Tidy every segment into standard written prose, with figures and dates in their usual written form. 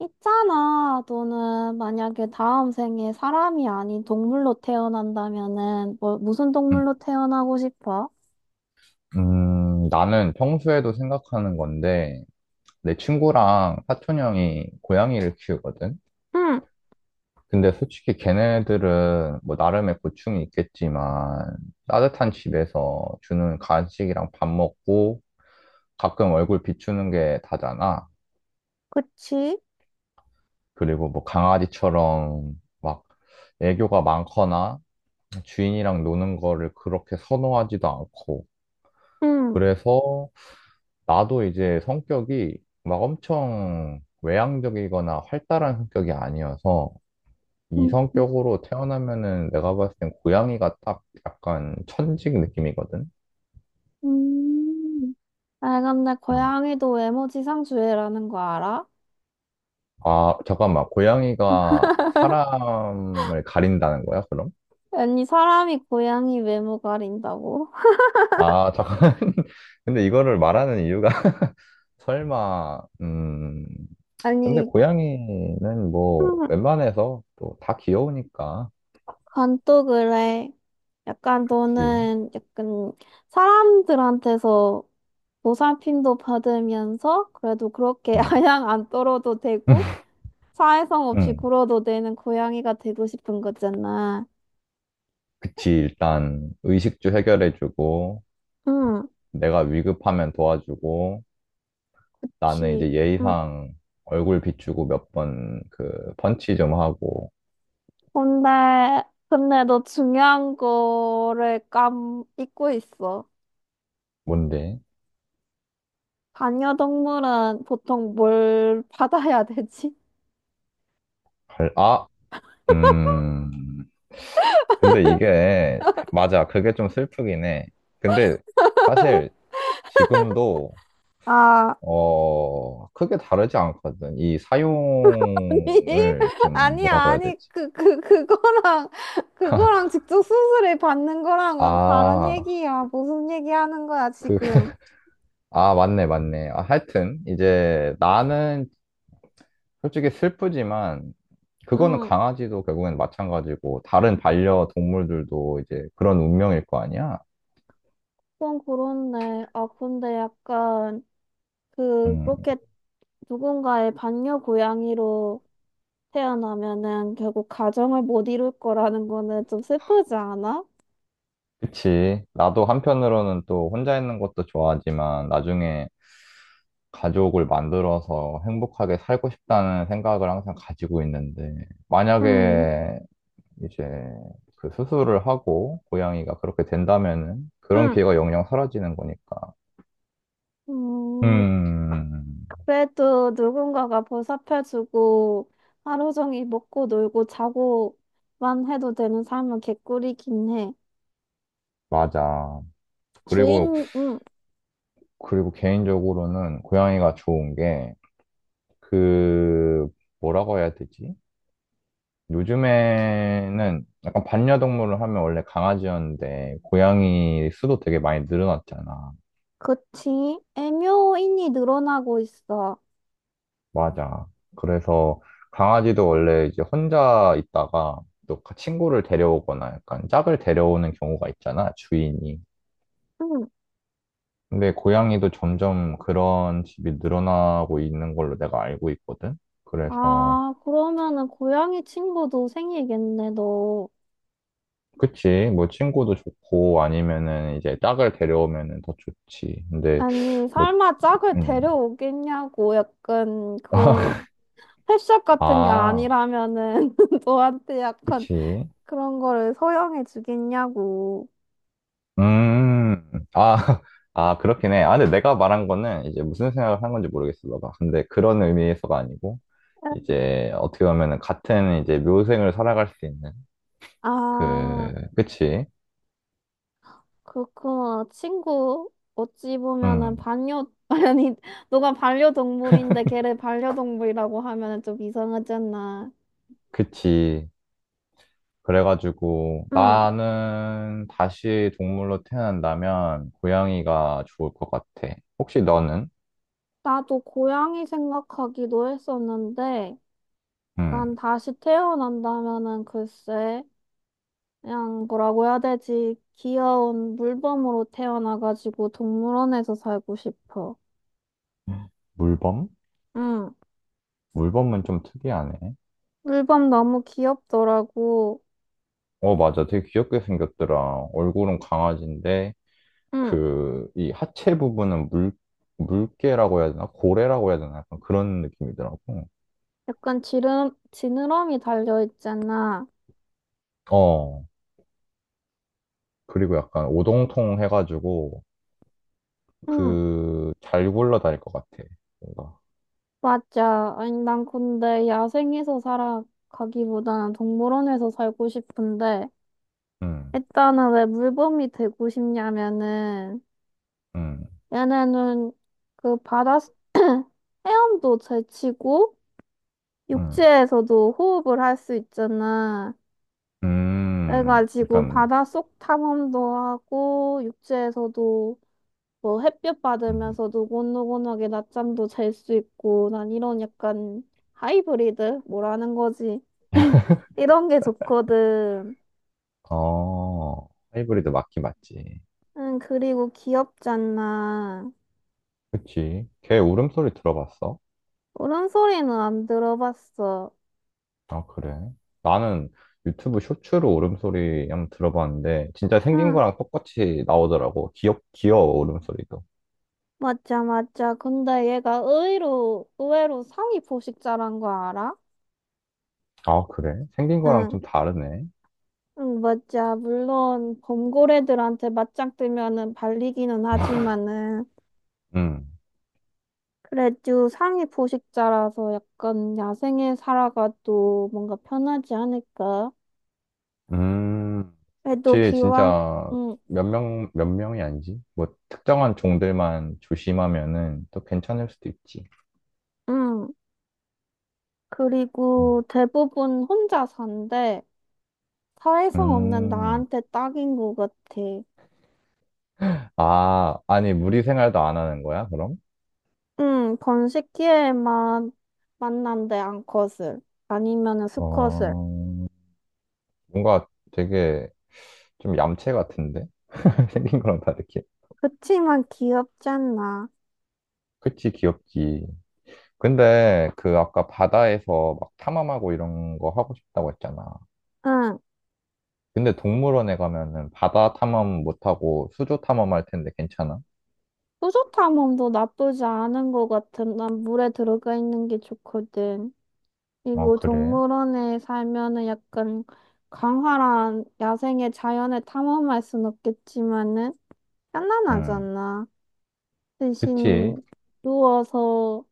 있잖아, 너는 만약에 다음 생에 사람이 아닌 동물로 태어난다면은 뭐 무슨 음, 동물로 태어나고 싶어? 나는 평소에도 생각하는 건데, 내 친구랑 사촌 형이 고양이를 키우거든? 응, 근데 솔직히 걔네들은 뭐 나름의 고충이 있겠지만, 따뜻한 집에서 주는 간식이랑 밥 먹고, 가끔 얼굴 비추는 게 다잖아. 그치? 그리고 뭐 강아지처럼 막 애교가 많거나, 주인이랑 노는 거를 그렇게 선호하지도 않고, 응, 그래서 나도 이제 성격이 막 엄청 외향적이거나 활달한 성격이 아니어서 이 음. 성격으로 태어나면은 내가 봤을 땐 고양이가 딱 약간 천직 느낌이거든. 음. 아, 근데 음. 고양이도 외모지상주의라는 거 알아? 아, 잠깐만. 고양이가 사람을 가린다는 거야, 그럼? 아니, 사람이 고양이 외모 가린다고? 아, 잠깐. 근데 이거를 말하는 이유가 설마, 근데 아니, 고양이는 뭐 응. 웬만해서 또 다 귀여우니까. 그건 또 그래. 약간 그치. 너는 약간 사람들한테서 보살핌도 받으면서 그래도 그렇게 아양 안 떨어도 되고 사회성 없이 응. 굴어도 되는 고양이가 되고 싶은 거잖아. 그치, 일단 의식주 해결해주고, 응, 내가 위급하면 도와주고, 나는 그치. 이제 응. 예의상 얼굴 비추고 몇 번 그 펀치 좀 하고, 근데, 근데 너 중요한 거를 깜 잊고 있어. 뭔데? 반려동물은 보통 뭘 받아야 되지? 갈, 아, 음, 근데 이게, 맞아, 그게 좀 슬프긴 해. 근데 사실 지금도, 아, 크게 다르지 않거든. 이 사용을 아니, 좀 아니야, 뭐라고 해야 아니, 되지? 그거랑 직접 수술을 받는 거랑은 다른 아, 얘기야. 무슨 얘기 하는 거야, 그 지금? 아, 맞네, 맞네. 아, 하여튼, 이제 나는 솔직히 슬프지만, 그거는 응, 강아지도 결국엔 마찬가지고, 다른 반려동물들도 이제 그런 운명일 거 아니야? 그건 그렇네. 아, 근데 약간, 음, 그렇게 누군가의 반려 고양이로 태어나면은 결국 가정을 못 이룰 거라는 거는 좀 슬프지 않아? 그치. 나도 한편으로는 또 혼자 있는 것도 좋아하지만, 나중에 가족을 만들어서 행복하게 살고 싶다는 생각을 항상 가지고 있는데, 응, 만약에 이제 그 수술을 하고, 고양이가 그렇게 된다면은, 그런 응, 기회가 영영 사라지는 거니까. 음, 음. 그래도 누군가가 보살펴주고 하루 종일 먹고 놀고 자고만 해도 되는 삶은 개꿀이긴 해. 맞아. 그리고, 주인, 응, 그리고 개인적으로는 고양이가 좋은 게, 그, 뭐라고 해야 되지? 요즘에는 약간 반려동물을 하면 원래 강아지였는데, 고양이 수도 되게 많이 늘어났잖아. 그치. 애묘인이 늘어나고 있어. 맞아. 그래서 강아지도 원래 이제 혼자 있다가 또 친구를 데려오거나 약간 짝을 데려오는 경우가 있잖아, 주인이. 근데 고양이도 점점 그런 집이 늘어나고 있는 걸로 내가 알고 있거든. 그래서 아, 그러면은 고양이 친구도 생기겠네, 너. 그치. 뭐 친구도 좋고 아니면은 이제 짝을 데려오면은 더 좋지. 근데 아니, 뭐 설마 짝을 음. 데려오겠냐고, 약간 그런 펫샵 같은 게 아, 아니라면은 너한테 약간 그치. 그런 거를 소형해 주겠냐고. 음. 아, 아, 그렇긴 해. 아, 근데 내가 말한 거는 이제 무슨 생각을 한 건지 모르겠어, 너가. 근데 그런 의미에서가 아니고 이제 어떻게 보면은 같은 이제 묘생을 살아갈 수 있는 아, 그치. 그렇구나. 친구, 어찌 보면은 음. 반려, 아니, 너가 반려동물인데 걔를 반려동물이라고 하면은 좀 이상하잖아. 그치. 그래가지고 응, 나는 다시 동물로 태어난다면 고양이가 좋을 것 같아. 혹시 너는? 나도 고양이 생각하기도 했었는데, 음. 난 다시 태어난다면은 글쎄, 그냥 뭐라고 해야 되지? 귀여운 물범으로 태어나가지고 동물원에서 살고 싶어. 물범? 응. 물범은 좀 특이하네. 물범 너무 귀엽더라고. 어, 맞아. 되게 귀엽게 생겼더라. 얼굴은 강아지인데, 응. 그, 이 하체 부분은 물개라고 해야 되나? 고래라고 해야 되나? 약간 그런 느낌이더라고. 약간 지름, 지느러미 달려있잖아. 어, 그리고 약간 오동통 해가지고, 응. 그, 잘 굴러다닐 것 같아. 뭔가. 맞아. 아니, 난 근데 야생에서 살아가기보다는 동물원에서 살고 싶은데, 음, 일단은 왜 물범이 되고 싶냐면은, 음, 얘네는 그 바다 헤엄도 잘 치고 음. 육지에서도 호흡을 할 수 있잖아. 그래가지고 약간, 바닷속 탐험도 하고 육지에서도 뭐 햇볕 음, 받으면서 노곤노곤하게 낮잠도 잘 수 있고 난 이런 약간 하이브리드 뭐라는 거지? 이런 게 좋거든. 어, 하이브리드 맞긴 맞지. 응, 그리고 귀엽지 않나. 그치. 걔 울음소리 들어봤어? 울음소리는 안 들어봤어. 아, 그래. 나는 유튜브 쇼츠로 울음소리 한번 들어봤는데, 진짜 생긴 응. 거랑 똑같이 나오더라고. 귀여워, 울음소리도. 맞아, 맞아. 근데 얘가 의외로 상위 포식자란 거 알아? 아, 그래? 생긴 거랑 응 좀 다르네. 응, 맞아. 물론 범고래들한테 맞짱 뜨면은 발리기는 하지만은 음, 그래도 상위 포식자라서 약간 야생에 살아가도 뭔가 편하지 않을까? 음, 그래도 그치. 기왕 진짜 응, 몇 명이 아니지? 뭐, 특정한 종들만 조심하면은 또 괜찮을 수도 있지. 응. 음. 그리고 대부분 혼자 산대. 사회성 없는 음. 나한테 딱인 것 같아. 아, 아니, 무리 생활도 안 하는 거야, 그럼? 응, 번식기에만 만난대 암컷을 아니면은 수컷을. 어, 뭔가 되게 좀 얌체 같은데? 생긴 거랑 다르게. 그치만 귀엽잖아. 그치, 귀엽지. 근데 그 아까 바다에서 막 탐험하고 이런 거 하고 싶다고 했잖아. 응. 근데 동물원에 가면은 바다 탐험 못하고 수조 탐험할 텐데 괜찮아? 뿌듯함도 나쁘지 않은 것 같은. 난 물에 들어가 있는 게 좋거든. 아, 그리고 그래? 동물원에 살면은 약간 강활한 야생의 자연을 탐험할 순 없겠지만은 응. 편안하잖아. 그치. 대신 누워서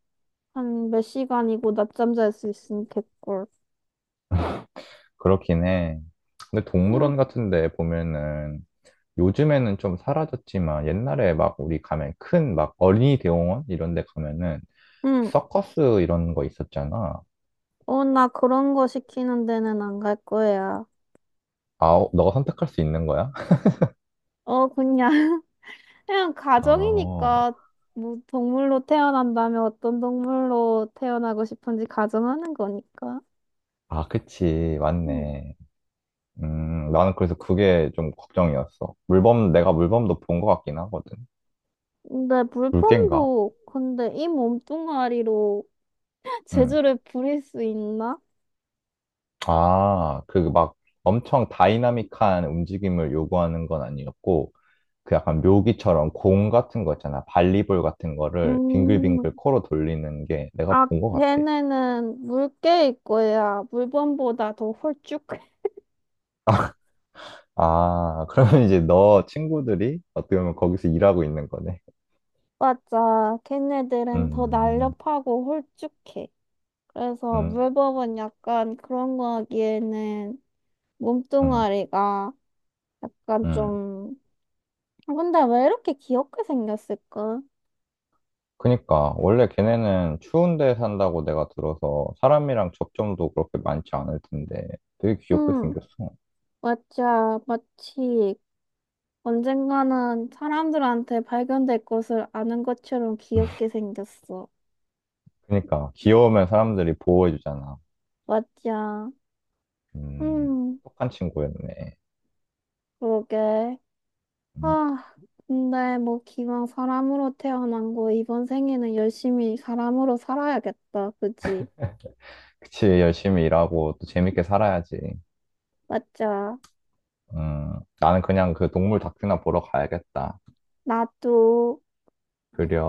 한 몇 시간이고 낮잠 잘 수 있으면 됐걸. 그렇긴 해. 근데 응, 동물원 같은 데 보면은 요즘에는 좀 사라졌지만 옛날에 막 우리 가면 큰 막 어린이 대공원 이런 데 가면은 응. 서커스 이런 거 있었잖아. 어, 나 그런 거 시키는 데는 안 갈 거야. 아, 너가 선택할 수 있는 거야? 어, 그냥. 그냥 아, 가정이니까 뭐 동물로 태어난다면 어떤 동물로 태어나고 싶은지 가정하는 거니까. 아, 그치. 음. 맞네. 나는 그래서 그게 좀 걱정이었어. 물범, 내가 물범도 본 것 같긴 하거든. 근데 물개인가? 물범도 근데 이 몸뚱아리로 응. 재주를 부릴 수 있나? 아, 그 막 엄청 다이나믹한 움직임을 요구하는 건 아니었고, 그 약간 묘기처럼 공 같은 거 있잖아. 발리볼 같은 거를 음, 빙글빙글 코로 돌리는 게 내가 아, 본 것 같아. 걔네는 물개일 거야. 물범보다 더 홀쭉해. 아, 그러면 이제 너 친구들이 어떻게 보면 거기서 일하고 있는 거네. 맞아. 걔네들은 더 음, 날렵하고 홀쭉해. 그래서 음, 물범은 약간 그런 거 하기에는 음, 몸뚱아리가 약간 음. 좀, 아, 근데 왜 이렇게 귀엽게 생겼을까? 그니까, 원래 걔네는 추운 데 산다고 내가 들어서 사람이랑 접점도 그렇게 많지 않을 텐데 되게 귀엽게 응, 생겼어. 맞아. 마치 언젠가는 사람들한테 발견될 것을 아는 것처럼 귀엽게 생겼어. 그니까, 귀여우면 사람들이 보호해주잖아. 맞아. 음, 응, 똑똑한 친구였네. 그러게. 음, 아, 근데 뭐 기왕 사람으로 태어난 거 이번 생에는 열심히 사람으로 살아야겠다. 그지? 그치, 열심히 일하고 또 재밌게 살아야지. 맞아. 음, 나는 그냥 그 동물 다큐나 보러 가야겠다. 나도. 그려.